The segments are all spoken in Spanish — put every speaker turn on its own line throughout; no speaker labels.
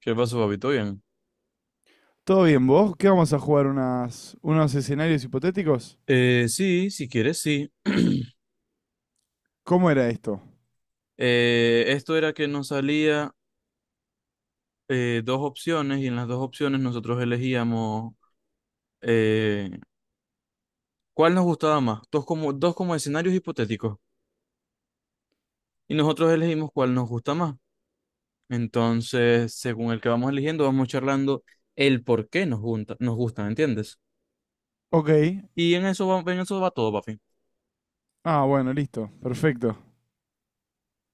¿Qué pasó, papi? ¿Todo bien?
Todo bien, ¿vos? ¿Qué vamos a jugar? ¿Unos escenarios hipotéticos?
Sí, si quieres, sí.
¿Cómo era esto?
Esto era que nos salía dos opciones, y en las dos opciones nosotros elegíamos eh, cuál nos gustaba más, dos como escenarios hipotéticos, y nosotros elegimos cuál nos gusta más. Entonces, según el que vamos eligiendo, vamos charlando el por qué nos gusta, ¿entiendes?
Ok.
Y en eso va todo, papi.
Ah, bueno, listo. Perfecto.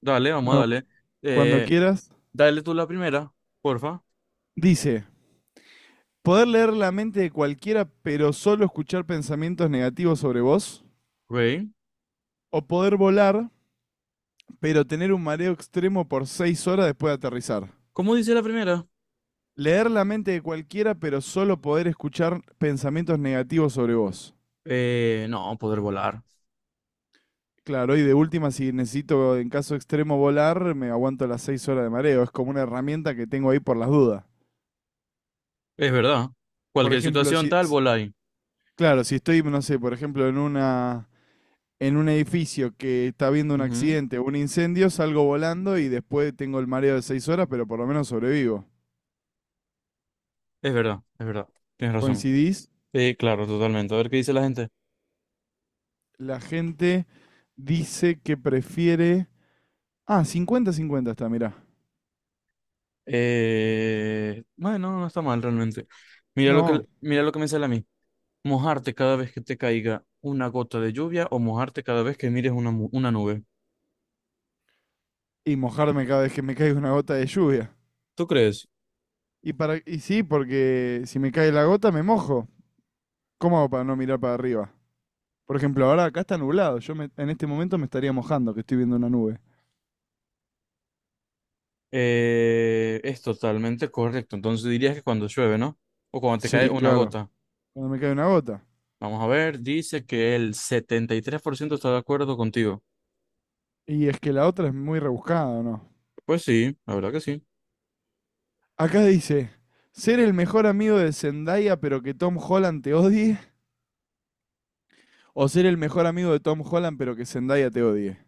Dale, vamos a
Bueno,
darle.
cuando
Eh,
quieras.
Dale tú la primera, porfa.
Dice, ¿poder leer la mente de cualquiera pero solo escuchar pensamientos negativos sobre vos?
Ok.
¿O poder volar pero tener un mareo extremo por seis horas después de aterrizar?
¿Cómo dice la primera?
Leer la mente de cualquiera pero solo poder escuchar pensamientos negativos sobre vos.
No, poder volar.
Claro, y de última, si necesito en caso extremo volar, me aguanto las seis horas de mareo. Es como una herramienta que tengo ahí por las dudas.
Es verdad.
Por
Cualquier
ejemplo,
situación tal, voláis.
claro, si estoy, no sé, por ejemplo, en un edificio que está habiendo un
Ujú.
accidente o un incendio, salgo volando y después tengo el mareo de seis horas, pero por lo menos sobrevivo.
Es verdad, es verdad. Tienes razón.
¿Coincidís?
Sí, claro, totalmente. A ver qué dice la gente.
La gente dice que prefiere... Ah, 50-50 está, mirá.
Bueno, no está mal realmente. Mira lo que,
No,
mira lo que me sale a mí. Mojarte cada vez que te caiga una gota de lluvia, o mojarte cada vez que mires una nube.
y mojarme cada vez que me caiga una gota de lluvia.
¿Tú crees?
Y, para, y sí, porque si me cae la gota me mojo. ¿Cómo hago para no mirar para arriba? Por ejemplo, ahora acá está nublado. En este momento me estaría mojando, que estoy viendo una nube.
Es totalmente correcto. Entonces dirías que cuando llueve, ¿no? O cuando te cae
Sí,
una
claro.
gota.
Cuando me cae una gota.
Vamos a ver, dice que el 73% está de acuerdo contigo.
Y es que la otra es muy rebuscada, ¿o ¿no?
Pues sí, la verdad que sí.
Acá dice, ser el mejor amigo de Zendaya pero que Tom Holland te odie, o ser el mejor amigo de Tom Holland pero que Zendaya te odie.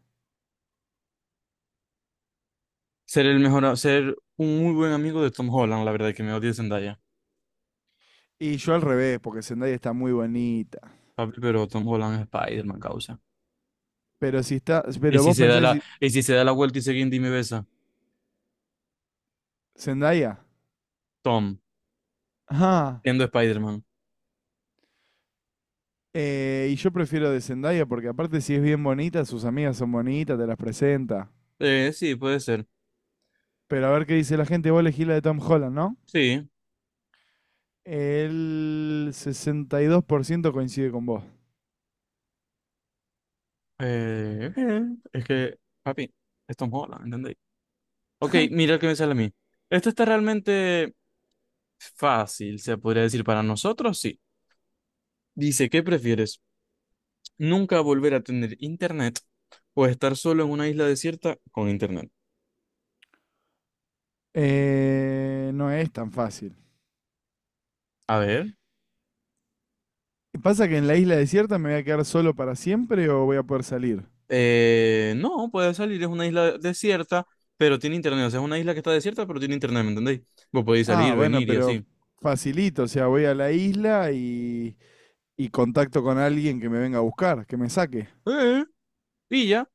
Ser el mejor, a- Ser un muy buen amigo de Tom Holland, la verdad que me odia Zendaya.
Y yo al revés, porque Zendaya está muy bonita.
Papi, pero Tom Holland es Spider-Man, causa.
Pero si está,
Y
pero
si
vos
se da
pensás que
la,
si
y si se da la vuelta y se guinda y me besa,
Zendaya,
Tom,
ajá.
siendo Spider-Man.
Y yo prefiero de Zendaya porque aparte si es bien bonita, sus amigas son bonitas, te las presenta.
Sí, puede ser.
Pero a ver qué dice la gente, vos elegís la de Tom Holland, ¿no?
Sí.
El 62% coincide con vos.
Eh, eh, es que, papi, es Tom Holland, ¿entendéis? Ok, mira el que me sale a mí. Esto está realmente fácil, se podría decir, para nosotros, sí. Dice, ¿qué prefieres? ¿Nunca volver a tener internet, o estar solo en una isla desierta con internet?
No es tan fácil.
A ver,
¿Pasa que en la isla desierta me voy a quedar solo para siempre o voy a poder salir?
no, puede salir, es una isla desierta, pero tiene internet. O sea, es una isla que está desierta, pero tiene internet, ¿me entendéis? Vos podéis
Ah,
salir,
bueno,
venir y
pero
así.
facilito, o sea, voy a la isla y contacto con alguien que me venga a buscar, que me saque.
Eh, y ya.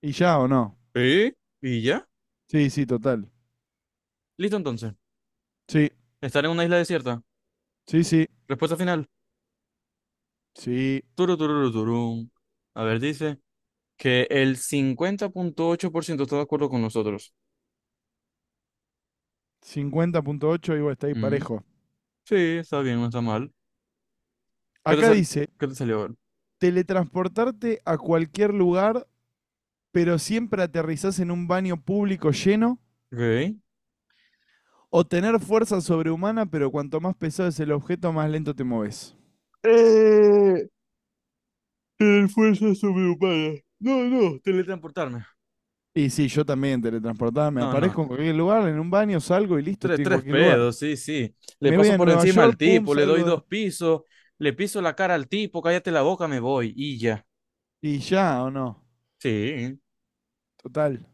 ¿Y ya o no?
eh, y ya.
Sí, sí, total.
Listo, entonces.
Sí,
Estar en una isla desierta.
sí, sí,
Respuesta final.
sí.
Turu, tururu, turún. A ver, dice que el 50,8% está de acuerdo con nosotros.
50,8 digo, está ahí
Mm,
parejo.
sí, está bien, no está mal. ¿Qué te
Acá
sal-
dice,
¿Qué te salió? A.
teletransportarte a cualquier lugar, pero siempre aterrizás en un baño público lleno,
Ok.
o tener fuerza sobrehumana, pero cuanto más pesado es el objeto, más lento te moves.
Eh, Tener fuerza sobrehumana. No, no, teletransportarme.
Y sí, yo también teletransportada, me
No, no.
aparezco en cualquier lugar, en un baño salgo y listo,
Tres,
estoy en
tres
cualquier lugar.
pedos, sí, sí. Le
Me voy
paso
a
por
Nueva
encima al
York, pum,
tipo, le doy dos pisos, le piso la cara al tipo, cállate la boca, me voy y ya.
y ya, ¿o no?
Sí,
Total.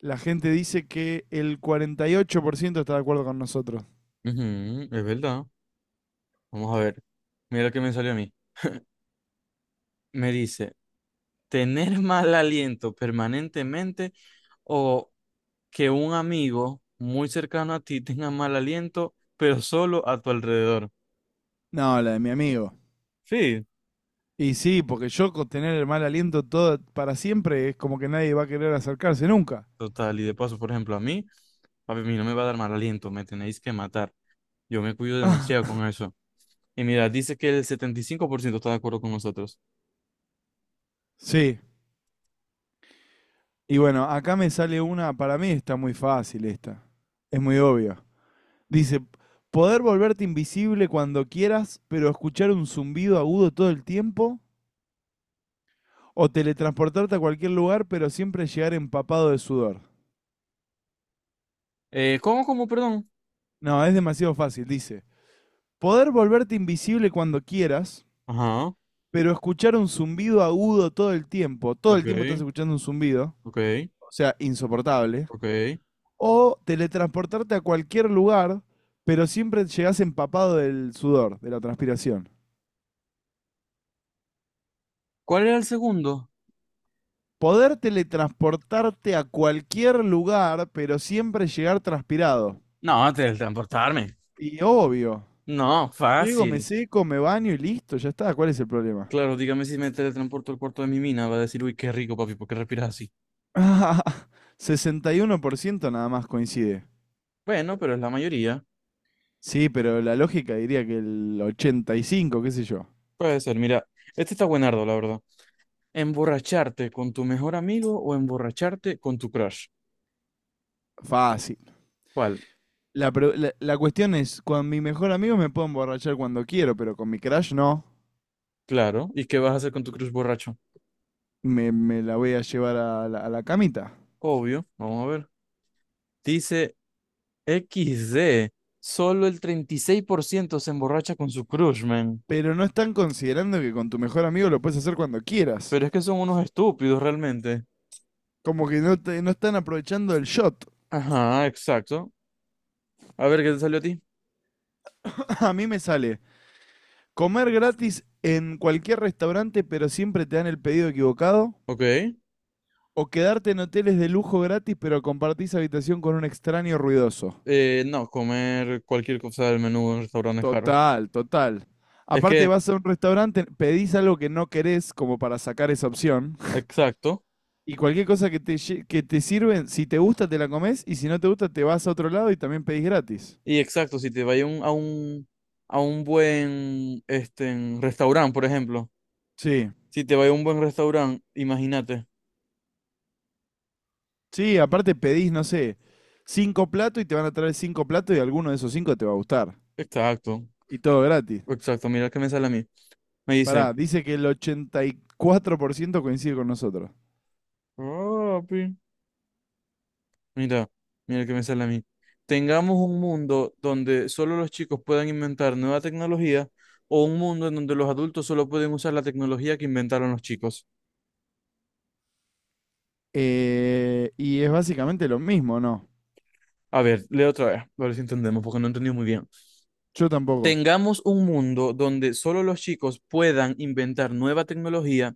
La gente dice que el 48% está de acuerdo con nosotros.
ujú, es verdad. Vamos a ver. Mira lo que me salió a mí. Me dice, tener mal aliento permanentemente, o que un amigo muy cercano a ti tenga mal aliento, pero solo a tu alrededor.
No, la de mi amigo.
Sí,
Y sí, porque yo con tener el mal aliento todo para siempre es como que nadie va a querer acercarse nunca.
total. Y de paso, por ejemplo, a mí, papi, a mí no me va a dar mal aliento, me tenéis que matar. Yo me cuido
Ah,
demasiado con eso. Y mira, dice que el 75% está de acuerdo con nosotros.
sí. Y bueno, acá me sale una, para mí está muy fácil esta. Es muy obvia. Dice, poder volverte invisible cuando quieras, pero escuchar un zumbido agudo todo el tiempo, o teletransportarte a cualquier lugar, pero siempre llegar empapado de sudor.
¿Cómo, perdón?
No, es demasiado fácil, dice. Poder volverte invisible cuando quieras,
Ajá,
pero escuchar un zumbido agudo todo el tiempo. Todo el tiempo estás
ok,
escuchando un zumbido,
ok,
o sea, insoportable,
ok.
o teletransportarte a cualquier lugar, pero siempre llegás empapado del sudor, de la transpiración.
¿Cuál era el segundo?
Poder teletransportarte a cualquier lugar, pero siempre llegar transpirado.
No, teletransportarme.
Y obvio,
No,
llego, me
fácil.
seco, me baño y listo, ya está. ¿Cuál es el problema?
Claro, dígame, si me teletransporto al cuarto de mi mina, va a decir, uy, qué rico, papi, ¿por qué respiras así?
61% nada más coincide.
Bueno, pero es la mayoría.
Sí, pero la lógica diría que el 85, qué sé yo.
Puede ser, mira, este está buenardo, la verdad. ¿Emborracharte con tu mejor amigo, o emborracharte con tu crush?
Fácil.
¿Cuál?
La cuestión es, con mi mejor amigo me puedo emborrachar cuando quiero, pero con mi crush no.
Claro. ¿Y qué vas a hacer con tu crush borracho?
Me la voy a llevar a a la camita.
Obvio, vamos a ver. Dice XD. Solo el 36% se emborracha con su crush, man.
Pero no están considerando que con tu mejor amigo lo puedes hacer cuando quieras.
Pero es que son unos estúpidos realmente.
Como que no, no están aprovechando el shot.
Ajá, exacto. A ver, ¿qué te salió a ti?
A mí me sale comer gratis en cualquier restaurante, pero siempre te dan el pedido equivocado.
Ok.
O quedarte en hoteles de lujo gratis, pero compartís habitación con un extraño ruidoso.
No, comer cualquier cosa del menú en restaurantes caros.
Total, total.
Es
Aparte
que,
vas a un restaurante, pedís algo que no querés como para sacar esa opción
exacto.
y cualquier cosa que te, que te sirven, si te gusta te la comés y si no te gusta te vas a otro lado y también pedís gratis.
Y exacto, si te vas a un, buen en restaurante, por ejemplo.
Sí,
Si te vas a un buen restaurante, imagínate.
sí, aparte pedís, no sé, cinco platos y te van a traer cinco platos y alguno de esos cinco te va a gustar.
Exacto.
Y todo gratis.
Exacto, mira qué me sale a mí. Me dice,
Pará, dice que el 84% coincide con nosotros.
"Oh, papi, Mira, mira que me sale a mí. Tengamos un mundo donde solo los chicos puedan inventar nueva tecnología, o un mundo en donde los adultos solo pueden usar la tecnología que inventaron los chicos".
Y es básicamente lo mismo, ¿no?
A ver, leo otra vez, a ver si entendemos, porque no entendí muy bien.
Yo tampoco.
Tengamos un mundo donde solo los chicos puedan inventar nueva tecnología,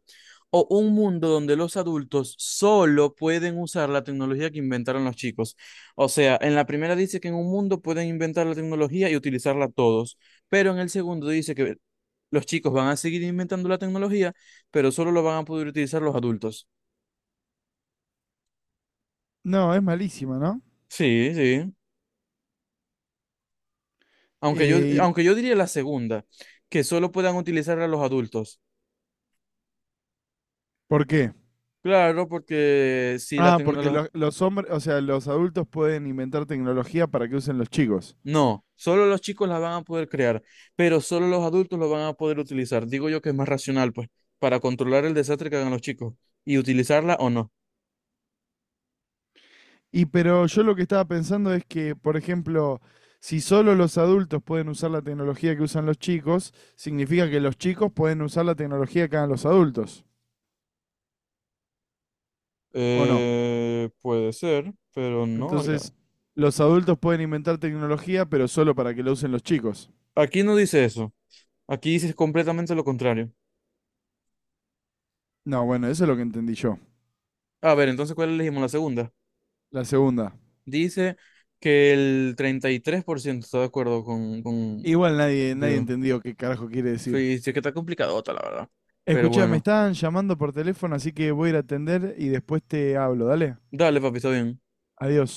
o un mundo donde los adultos solo pueden usar la tecnología que inventaron los chicos. O sea, en la primera dice que en un mundo pueden inventar la tecnología y utilizarla todos, pero en el segundo dice que los chicos van a seguir inventando la tecnología, pero solo lo van a poder utilizar los adultos.
No, es malísima, ¿no?
Sí, sí. Aunque yo,
Eh, ¿y
aunque yo diría la segunda, que solo puedan utilizarla los adultos.
¿Por qué?
Claro, porque si la
Ah, porque
tecnología...
los hombres, o sea, los adultos pueden inventar tecnología para que usen los chicos.
No, solo los chicos las van a poder crear, pero solo los adultos lo van a poder utilizar. Digo yo que es más racional, pues, para controlar el desastre que hagan los chicos y utilizarla o no.
Y pero yo lo que estaba pensando es que, por ejemplo, si solo los adultos pueden usar la tecnología que usan los chicos, significa que los chicos pueden usar la tecnología que hagan los adultos, ¿o no?
Puede ser, pero no. Ya.
Entonces, los adultos pueden inventar tecnología, pero solo para que la usen los chicos.
Aquí no dice eso. Aquí dice completamente lo contrario.
No, bueno, eso es lo que entendí yo.
A ver, entonces, ¿cuál elegimos? La segunda.
La segunda.
Dice que el 33% está de acuerdo
Igual nadie
digo,
entendió qué carajo quiere decir.
sí, sí, que está complicadota, la verdad. Pero
Escuchá, me
bueno,
están llamando por teléfono, así que voy a ir a atender y después te hablo, dale.
dale, papi, está bien.
Adiós.